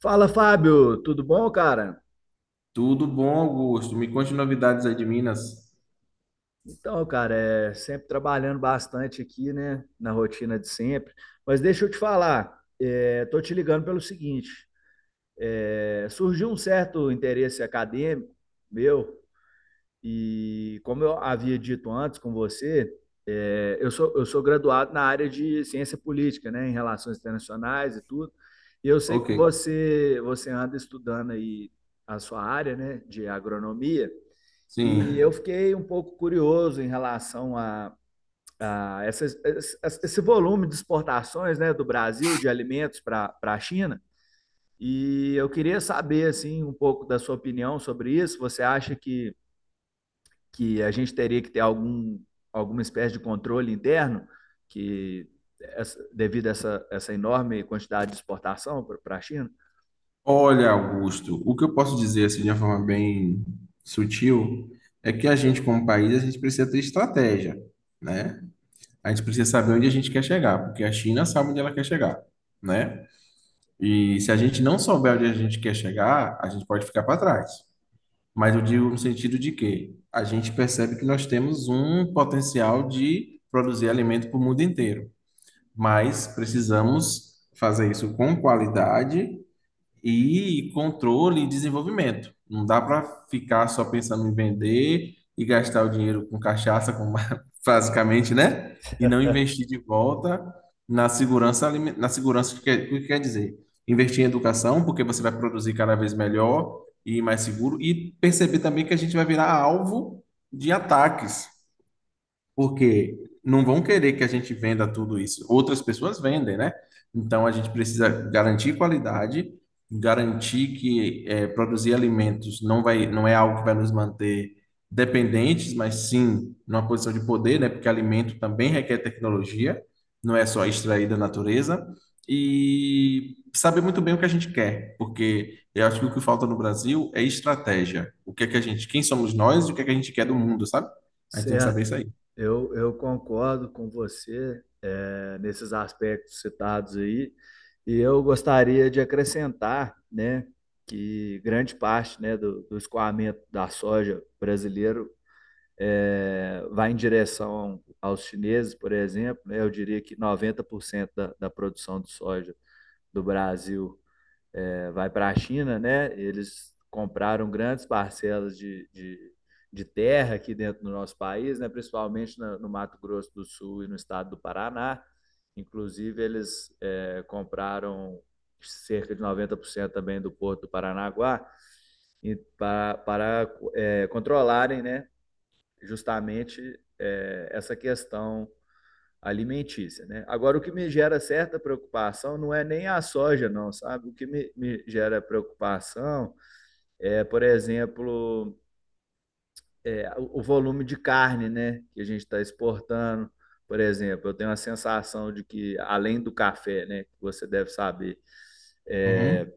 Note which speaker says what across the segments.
Speaker 1: Fala, Fábio, tudo bom, cara?
Speaker 2: Tudo bom, Augusto? Me conte novidades aí de Minas.
Speaker 1: Então, cara, é sempre trabalhando bastante aqui, né, na rotina de sempre. Mas deixa eu te falar, tô te ligando pelo seguinte: surgiu um certo interesse acadêmico meu, e como eu havia dito antes com você, eu sou graduado na área de ciência política, né, em relações internacionais e tudo. E eu sei
Speaker 2: Ok,
Speaker 1: que você anda estudando aí a sua área, né, de agronomia. E eu
Speaker 2: sim.
Speaker 1: fiquei um pouco curioso em relação a esse volume de exportações, né, do Brasil, de alimentos para a China. E eu queria saber assim, um pouco da sua opinião sobre isso. Você acha que a gente teria que ter algum, alguma espécie de controle interno que devido a essa enorme quantidade de exportação para a China?
Speaker 2: Olha, Augusto, o que eu posso dizer assim de uma forma bem sutil é que a gente, como país, a gente precisa ter estratégia, né? A gente precisa saber onde a gente quer chegar, porque a China sabe onde ela quer chegar, né? E se a gente não souber onde a gente quer chegar, a gente pode ficar para trás. Mas eu digo no sentido de que a gente percebe que nós temos um potencial de produzir alimento para o mundo inteiro, mas precisamos fazer isso com qualidade e controle e desenvolvimento. Não dá para ficar só pensando em vender e gastar o dinheiro com cachaça, basicamente, né? E não investir de volta na segurança, na segurança, o que quer dizer, investir em educação, porque você vai produzir cada vez melhor e mais seguro, e perceber também que a gente vai virar alvo de ataques. Porque não vão querer que a gente venda tudo isso. Outras pessoas vendem, né? Então a gente precisa garantir qualidade, garantir que produzir alimentos não é algo que vai nos manter dependentes, mas sim numa posição de poder, né? Porque alimento também requer tecnologia, não é só extrair da natureza. E saber muito bem o que a gente quer, porque eu acho que o que falta no Brasil é estratégia. O que é que a gente, quem somos nós e o que é que a gente quer do mundo, sabe? A gente tem que saber
Speaker 1: Certo,
Speaker 2: isso aí.
Speaker 1: eu concordo com você nesses aspectos citados aí, e eu gostaria de acrescentar, né, que grande parte, né, do escoamento da soja brasileiro vai em direção aos chineses, por exemplo, né, eu diria que 90% da produção de soja do Brasil vai para a China, né? Eles compraram grandes parcelas de terra aqui dentro do nosso país, né? Principalmente no Mato Grosso do Sul e no estado do Paraná. Inclusive, eles compraram cerca de 90% também do porto do Paranaguá e para controlarem, né? Justamente essa questão alimentícia, né? Agora, o que me gera certa preocupação não é nem a soja, não, sabe? O que me gera preocupação é, por exemplo, o volume de carne, né, que a gente está exportando. Por exemplo, eu tenho a sensação de que, além do café, né, que você deve saber, é,
Speaker 2: Uhum.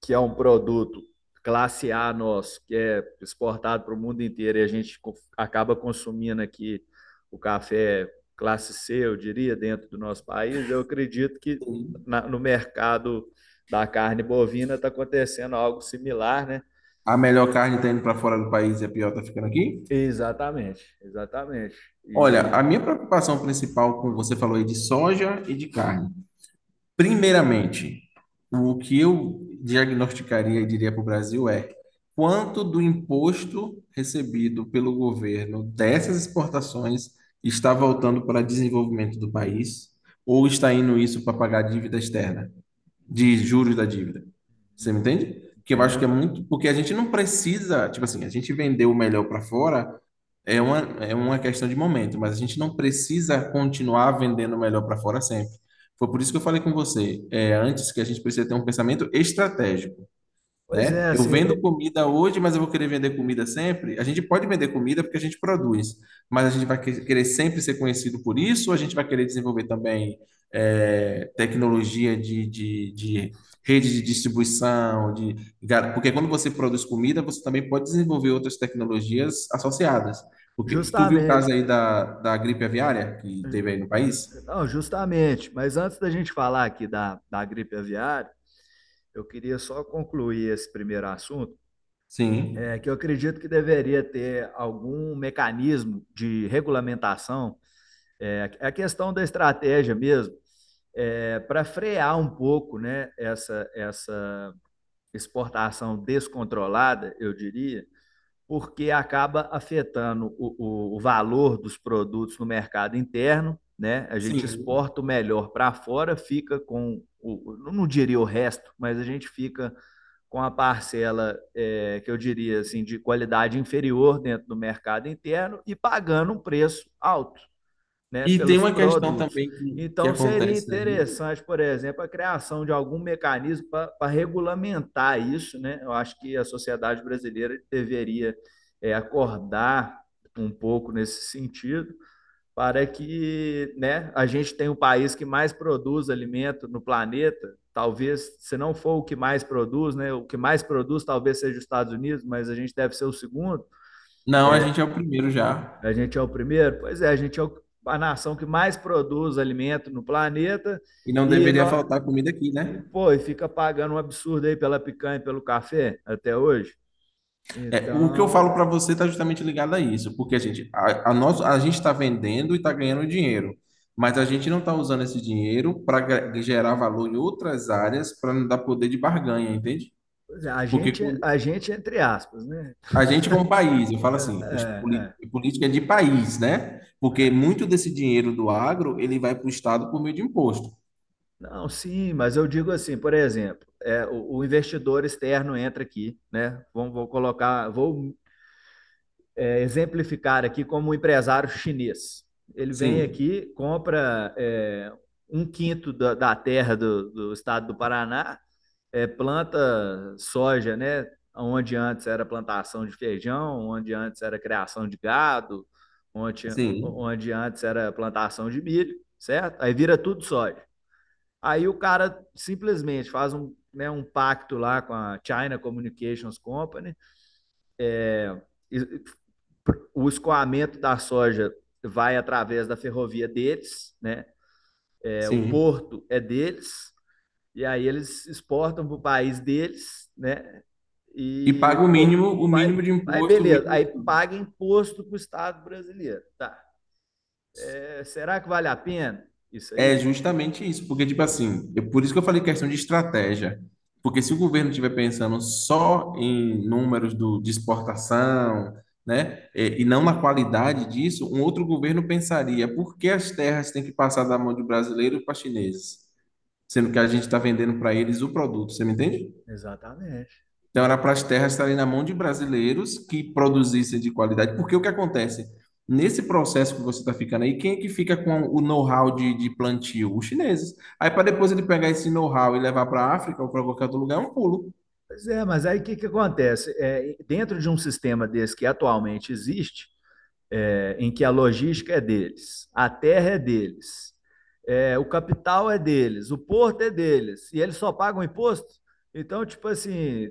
Speaker 1: que é um produto classe A nosso, que é exportado para o mundo inteiro e a gente acaba consumindo aqui o café classe C, eu diria, dentro do nosso país. Eu acredito que no mercado da carne bovina está acontecendo algo similar, né?
Speaker 2: A melhor carne está indo para fora do país e a pior está ficando aqui.
Speaker 1: Exatamente, exatamente.
Speaker 2: Olha, a
Speaker 1: E
Speaker 2: minha preocupação principal, como você falou aí, de soja e de carne. Primeiramente, o que eu diagnosticaria e diria para o Brasil é: quanto do imposto recebido pelo governo dessas exportações está voltando para desenvolvimento do país ou está indo isso para pagar dívida externa? De juros da dívida. Você me entende? Que eu acho que
Speaker 1: é,
Speaker 2: é muito, porque a gente não precisa, tipo assim, a gente vender o melhor para fora é uma questão de momento, mas a gente não precisa continuar vendendo o melhor para fora sempre. Foi por isso que eu falei com você, é, antes, que a gente precisa ter um pensamento estratégico,
Speaker 1: pois é,
Speaker 2: né? Eu
Speaker 1: assim,
Speaker 2: vendo
Speaker 1: é,
Speaker 2: comida hoje, mas eu vou querer vender comida sempre. A gente pode vender comida porque a gente produz, mas a gente querer sempre ser conhecido por isso, ou a gente vai querer desenvolver também tecnologia de rede de distribuição, de porque quando você produz comida, você também pode desenvolver outras tecnologias associadas. Porque tu viu o caso
Speaker 1: justamente,
Speaker 2: aí da gripe aviária que teve aí no país?
Speaker 1: não, justamente. Mas antes da gente falar aqui da gripe aviária, eu queria só concluir esse primeiro assunto.
Speaker 2: Sim.
Speaker 1: Que eu acredito que deveria ter algum mecanismo de regulamentação, é é a questão da estratégia mesmo, para frear um pouco, né, essa exportação descontrolada, eu diria, porque acaba afetando o valor dos produtos no mercado interno. Né? A gente
Speaker 2: Sim.
Speaker 1: exporta o melhor para fora, fica com o, não diria o resto, mas a gente fica com a parcela que eu diria assim de qualidade inferior dentro do mercado interno e pagando um preço alto, né,
Speaker 2: E tem
Speaker 1: pelos
Speaker 2: uma questão
Speaker 1: produtos.
Speaker 2: também que
Speaker 1: Então seria
Speaker 2: acontece aí.
Speaker 1: interessante, por exemplo, a criação de algum mecanismo para regulamentar isso, né? Eu acho que a sociedade brasileira deveria acordar um pouco nesse sentido para que, né, a gente tenha o país que mais produz alimento no planeta. Talvez, se não for o que mais produz, né, o que mais produz talvez seja os Estados Unidos, mas a gente deve ser o segundo.
Speaker 2: Não, a gente é o primeiro já.
Speaker 1: A gente é o primeiro. Pois é, a gente é a nação que mais produz alimento no planeta
Speaker 2: E não
Speaker 1: e,
Speaker 2: deveria
Speaker 1: no,
Speaker 2: faltar comida aqui,
Speaker 1: e
Speaker 2: né?
Speaker 1: pô, e fica pagando um absurdo aí pela picanha e pelo café até hoje.
Speaker 2: É, o que eu
Speaker 1: Então,
Speaker 2: falo para
Speaker 1: é,
Speaker 2: você está justamente ligado a isso, porque a gente a gente está vendendo e está ganhando dinheiro, mas a gente não está usando esse dinheiro para gerar valor em outras áreas para não dar poder de barganha, entende? Porque
Speaker 1: a gente é entre aspas, né?
Speaker 2: a gente como país, eu falo assim,
Speaker 1: É,
Speaker 2: os
Speaker 1: é,
Speaker 2: política é de país, né?
Speaker 1: é,
Speaker 2: Porque
Speaker 1: é.
Speaker 2: muito desse dinheiro do agro ele vai para o estado por meio de imposto.
Speaker 1: Não, sim, mas eu digo assim, por exemplo, o investidor externo entra aqui, né? Vamos, vou colocar, vou exemplificar aqui como um empresário chinês. Ele vem
Speaker 2: Sim,
Speaker 1: aqui, compra um quinto da terra do estado do Paraná, planta soja, né? Onde antes era plantação de feijão, onde antes era criação de gado, onde,
Speaker 2: sim,
Speaker 1: onde antes era plantação de milho, certo? Aí vira tudo soja. Aí o cara simplesmente faz um, né, um pacto lá com a China Communications Company. E o escoamento da soja vai através da ferrovia deles, né? É, o
Speaker 2: sim.
Speaker 1: porto é deles, e aí eles exportam para o país deles, né?
Speaker 2: E
Speaker 1: E
Speaker 2: paga
Speaker 1: pô,
Speaker 2: o mínimo de imposto, o
Speaker 1: beleza,
Speaker 2: mínimo de
Speaker 1: aí
Speaker 2: tudo.
Speaker 1: paga imposto para o Estado brasileiro. Tá. É, será que vale a pena isso
Speaker 2: É
Speaker 1: aí?
Speaker 2: justamente isso, porque, tipo
Speaker 1: Tipo assim,
Speaker 2: assim, eu, por isso que eu falei questão de estratégia. Porque se o governo estiver pensando só em números de exportação, né, e não na qualidade disso, um outro governo pensaria por que as terras têm que passar da mão de brasileiro para chineses, sendo que a gente está vendendo para eles o produto, você me entende?
Speaker 1: exatamente.
Speaker 2: Então, era para as terras estarem na mão de brasileiros que produzissem de qualidade, porque o que acontece? Nesse processo que você está ficando aí, quem é que fica com o know-how de plantio? Os chineses. Aí, para depois ele pegar esse know-how e levar para a África ou para qualquer outro lugar, é um pulo.
Speaker 1: Pois é, mas aí o que, que acontece? É, dentro de um sistema desse que atualmente existe, é, em que a logística é deles, a terra é deles, o capital é deles, o porto é deles, e eles só pagam imposto? Então, tipo assim,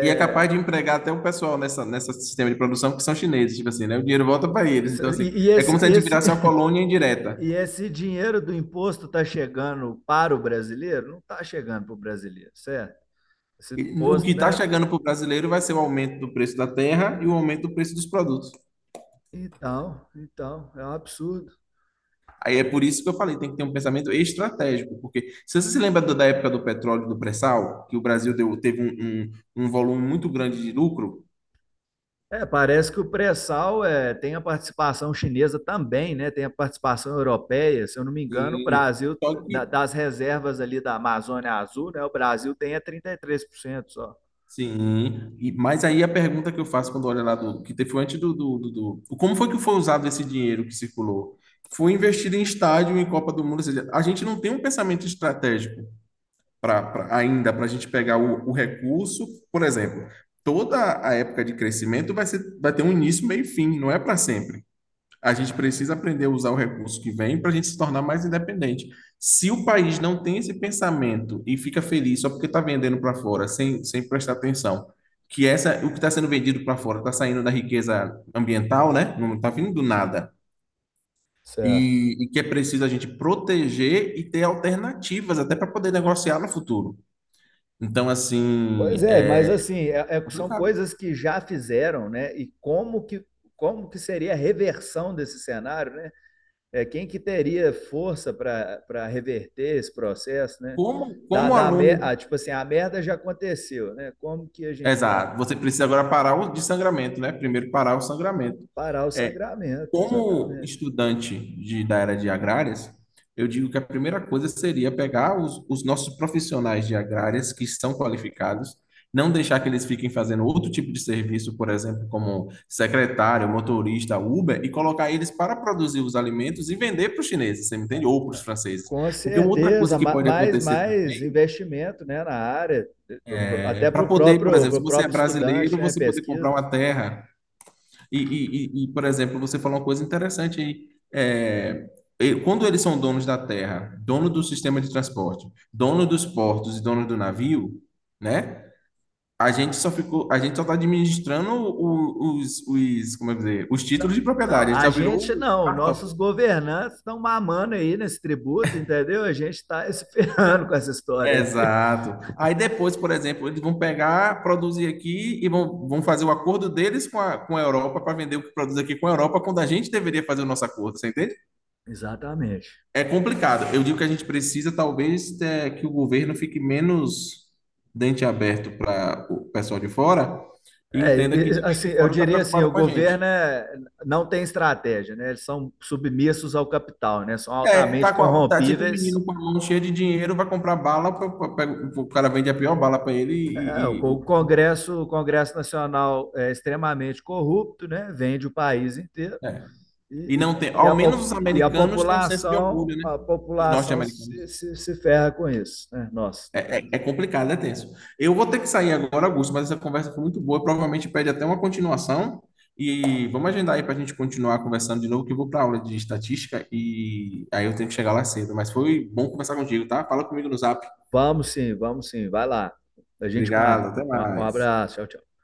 Speaker 2: E é capaz
Speaker 1: é,
Speaker 2: de empregar até o pessoal nessa sistema de produção que são chineses, tipo assim, né? O dinheiro volta para eles. Então, assim,
Speaker 1: e,
Speaker 2: é
Speaker 1: esse,
Speaker 2: como se a gente
Speaker 1: esse,
Speaker 2: virasse uma colônia
Speaker 1: e,
Speaker 2: indireta.
Speaker 1: e esse dinheiro do imposto está chegando para o brasileiro? Não está chegando para o brasileiro, certo? Esse
Speaker 2: E o que
Speaker 1: imposto,
Speaker 2: está
Speaker 1: né?
Speaker 2: chegando para o brasileiro vai ser o aumento do preço da terra e o aumento do preço dos produtos.
Speaker 1: Então, então, é um absurdo.
Speaker 2: Aí é por isso que eu falei, tem que ter um pensamento estratégico, porque se você se lembra da época do petróleo, do pré-sal, que o Brasil teve um um volume muito grande de lucro,
Speaker 1: É, parece que o pré-sal tem a participação chinesa também, né? Tem a participação europeia. Se eu não me engano, o
Speaker 2: sim,
Speaker 1: Brasil,
Speaker 2: só
Speaker 1: da-
Speaker 2: que,
Speaker 1: das reservas ali da Amazônia Azul, né? O Brasil tem é 33%, só.
Speaker 2: sim, e, mas aí a pergunta que eu faço quando olho lá do, que teve foi antes como foi que foi usado esse dinheiro que circulou? Foi investido em estádio, em Copa do Mundo, ou seja, a gente não tem um pensamento estratégico. Ainda para a gente pegar o recurso. Por exemplo, toda a época de crescimento vai ser, vai ter um início, meio e fim, não é para sempre. A gente precisa aprender a usar o recurso que vem para a gente se tornar mais independente. Se o país não tem esse pensamento e fica feliz só porque está vendendo para fora, sem, sem prestar atenção, que essa, o que está sendo vendido para fora está saindo da riqueza ambiental, né? Não está vindo do nada.
Speaker 1: Certo.
Speaker 2: E que é preciso a gente proteger e ter alternativas até para poder negociar no futuro. Então, assim,
Speaker 1: Pois é, mas
Speaker 2: é
Speaker 1: assim, é- é- são
Speaker 2: complicado.
Speaker 1: coisas que já fizeram, né? Como que seria a reversão desse cenário, né? É, quem que teria força para reverter esse processo, né?
Speaker 2: Como, como aluno.
Speaker 1: Tipo assim, a merda já aconteceu, né? Como que a gente vai.
Speaker 2: Exato, você precisa agora parar o de sangramento, né? Primeiro parar o sangramento.
Speaker 1: Parar o
Speaker 2: É,
Speaker 1: sangramento,
Speaker 2: como
Speaker 1: exatamente.
Speaker 2: estudante da área de agrárias, eu digo que a primeira coisa seria pegar os nossos profissionais de agrárias que são qualificados, não deixar que eles fiquem fazendo outro tipo de serviço, por exemplo, como secretário, motorista, Uber, e colocar eles para produzir os alimentos e vender para os chineses, você me entende? Ou para os franceses.
Speaker 1: Com
Speaker 2: Porque uma outra coisa
Speaker 1: certeza,
Speaker 2: que pode acontecer
Speaker 1: mais
Speaker 2: também
Speaker 1: investimento, né, na área,
Speaker 2: é
Speaker 1: até
Speaker 2: para
Speaker 1: para o
Speaker 2: poder, por
Speaker 1: próprio,
Speaker 2: exemplo,
Speaker 1: pro
Speaker 2: se você é
Speaker 1: próprio estudante,
Speaker 2: brasileiro,
Speaker 1: né,
Speaker 2: você poder
Speaker 1: pesquisa.
Speaker 2: comprar uma terra. E, por exemplo, você falou uma coisa interessante aí. É, quando eles são donos da terra, dono do sistema de transporte, dono dos portos e dono do navio, né? A gente só ficou, a gente só está administrando os, como é que dizer, os
Speaker 1: Não,
Speaker 2: títulos de
Speaker 1: não,
Speaker 2: propriedade. A gente
Speaker 1: a
Speaker 2: já virou
Speaker 1: gente
Speaker 2: o
Speaker 1: não,
Speaker 2: cartório.
Speaker 1: nossos governantes estão mamando aí nesse tributo, entendeu? A gente está esperando com essa história aí.
Speaker 2: Exato. Aí depois, por exemplo, eles vão pegar, produzir aqui e vão, vão fazer o acordo deles com com a Europa para vender o que produz aqui com a Europa, quando a gente deveria fazer o nosso acordo, você entende?
Speaker 1: Exatamente.
Speaker 2: É complicado. Eu digo que a gente precisa, talvez, é, que o governo fique menos dente aberto para o pessoal de fora e entenda que
Speaker 1: É,
Speaker 2: ninguém
Speaker 1: assim,
Speaker 2: de
Speaker 1: eu
Speaker 2: fora está
Speaker 1: diria assim,
Speaker 2: preocupado
Speaker 1: o
Speaker 2: com a
Speaker 1: governo
Speaker 2: gente.
Speaker 1: é- não tem estratégia, né? Eles são submissos ao capital, né? São
Speaker 2: É,
Speaker 1: altamente
Speaker 2: tá, tá tipo um
Speaker 1: corrompíveis.
Speaker 2: menino com a mão cheia de dinheiro, vai comprar bala, o cara vende a pior bala para ele
Speaker 1: Não,
Speaker 2: e,
Speaker 1: O Congresso Nacional é extremamente corrupto, né? Vende o país inteiro
Speaker 2: é. E
Speaker 1: e,
Speaker 2: não tem.
Speaker 1: e,
Speaker 2: Ao
Speaker 1: a,
Speaker 2: menos os
Speaker 1: e a
Speaker 2: americanos têm um senso de
Speaker 1: população,
Speaker 2: orgulho, né?
Speaker 1: a
Speaker 2: Os
Speaker 1: população se,
Speaker 2: norte-americanos.
Speaker 1: se, se ferra com isso, né? Nós, no caso.
Speaker 2: É, é complicado, é tenso. Eu vou ter que sair agora, Augusto, mas essa conversa foi muito boa. Provavelmente pede até uma continuação. E vamos agendar aí para a gente continuar conversando de novo, que eu vou para aula de estatística e aí eu tenho que chegar lá cedo. Mas foi bom conversar contigo, tá? Fala comigo no zap.
Speaker 1: Vamos sim, vai lá. A gente
Speaker 2: Obrigado,
Speaker 1: marca.
Speaker 2: até
Speaker 1: Um
Speaker 2: mais.
Speaker 1: abraço, tchau, tchau.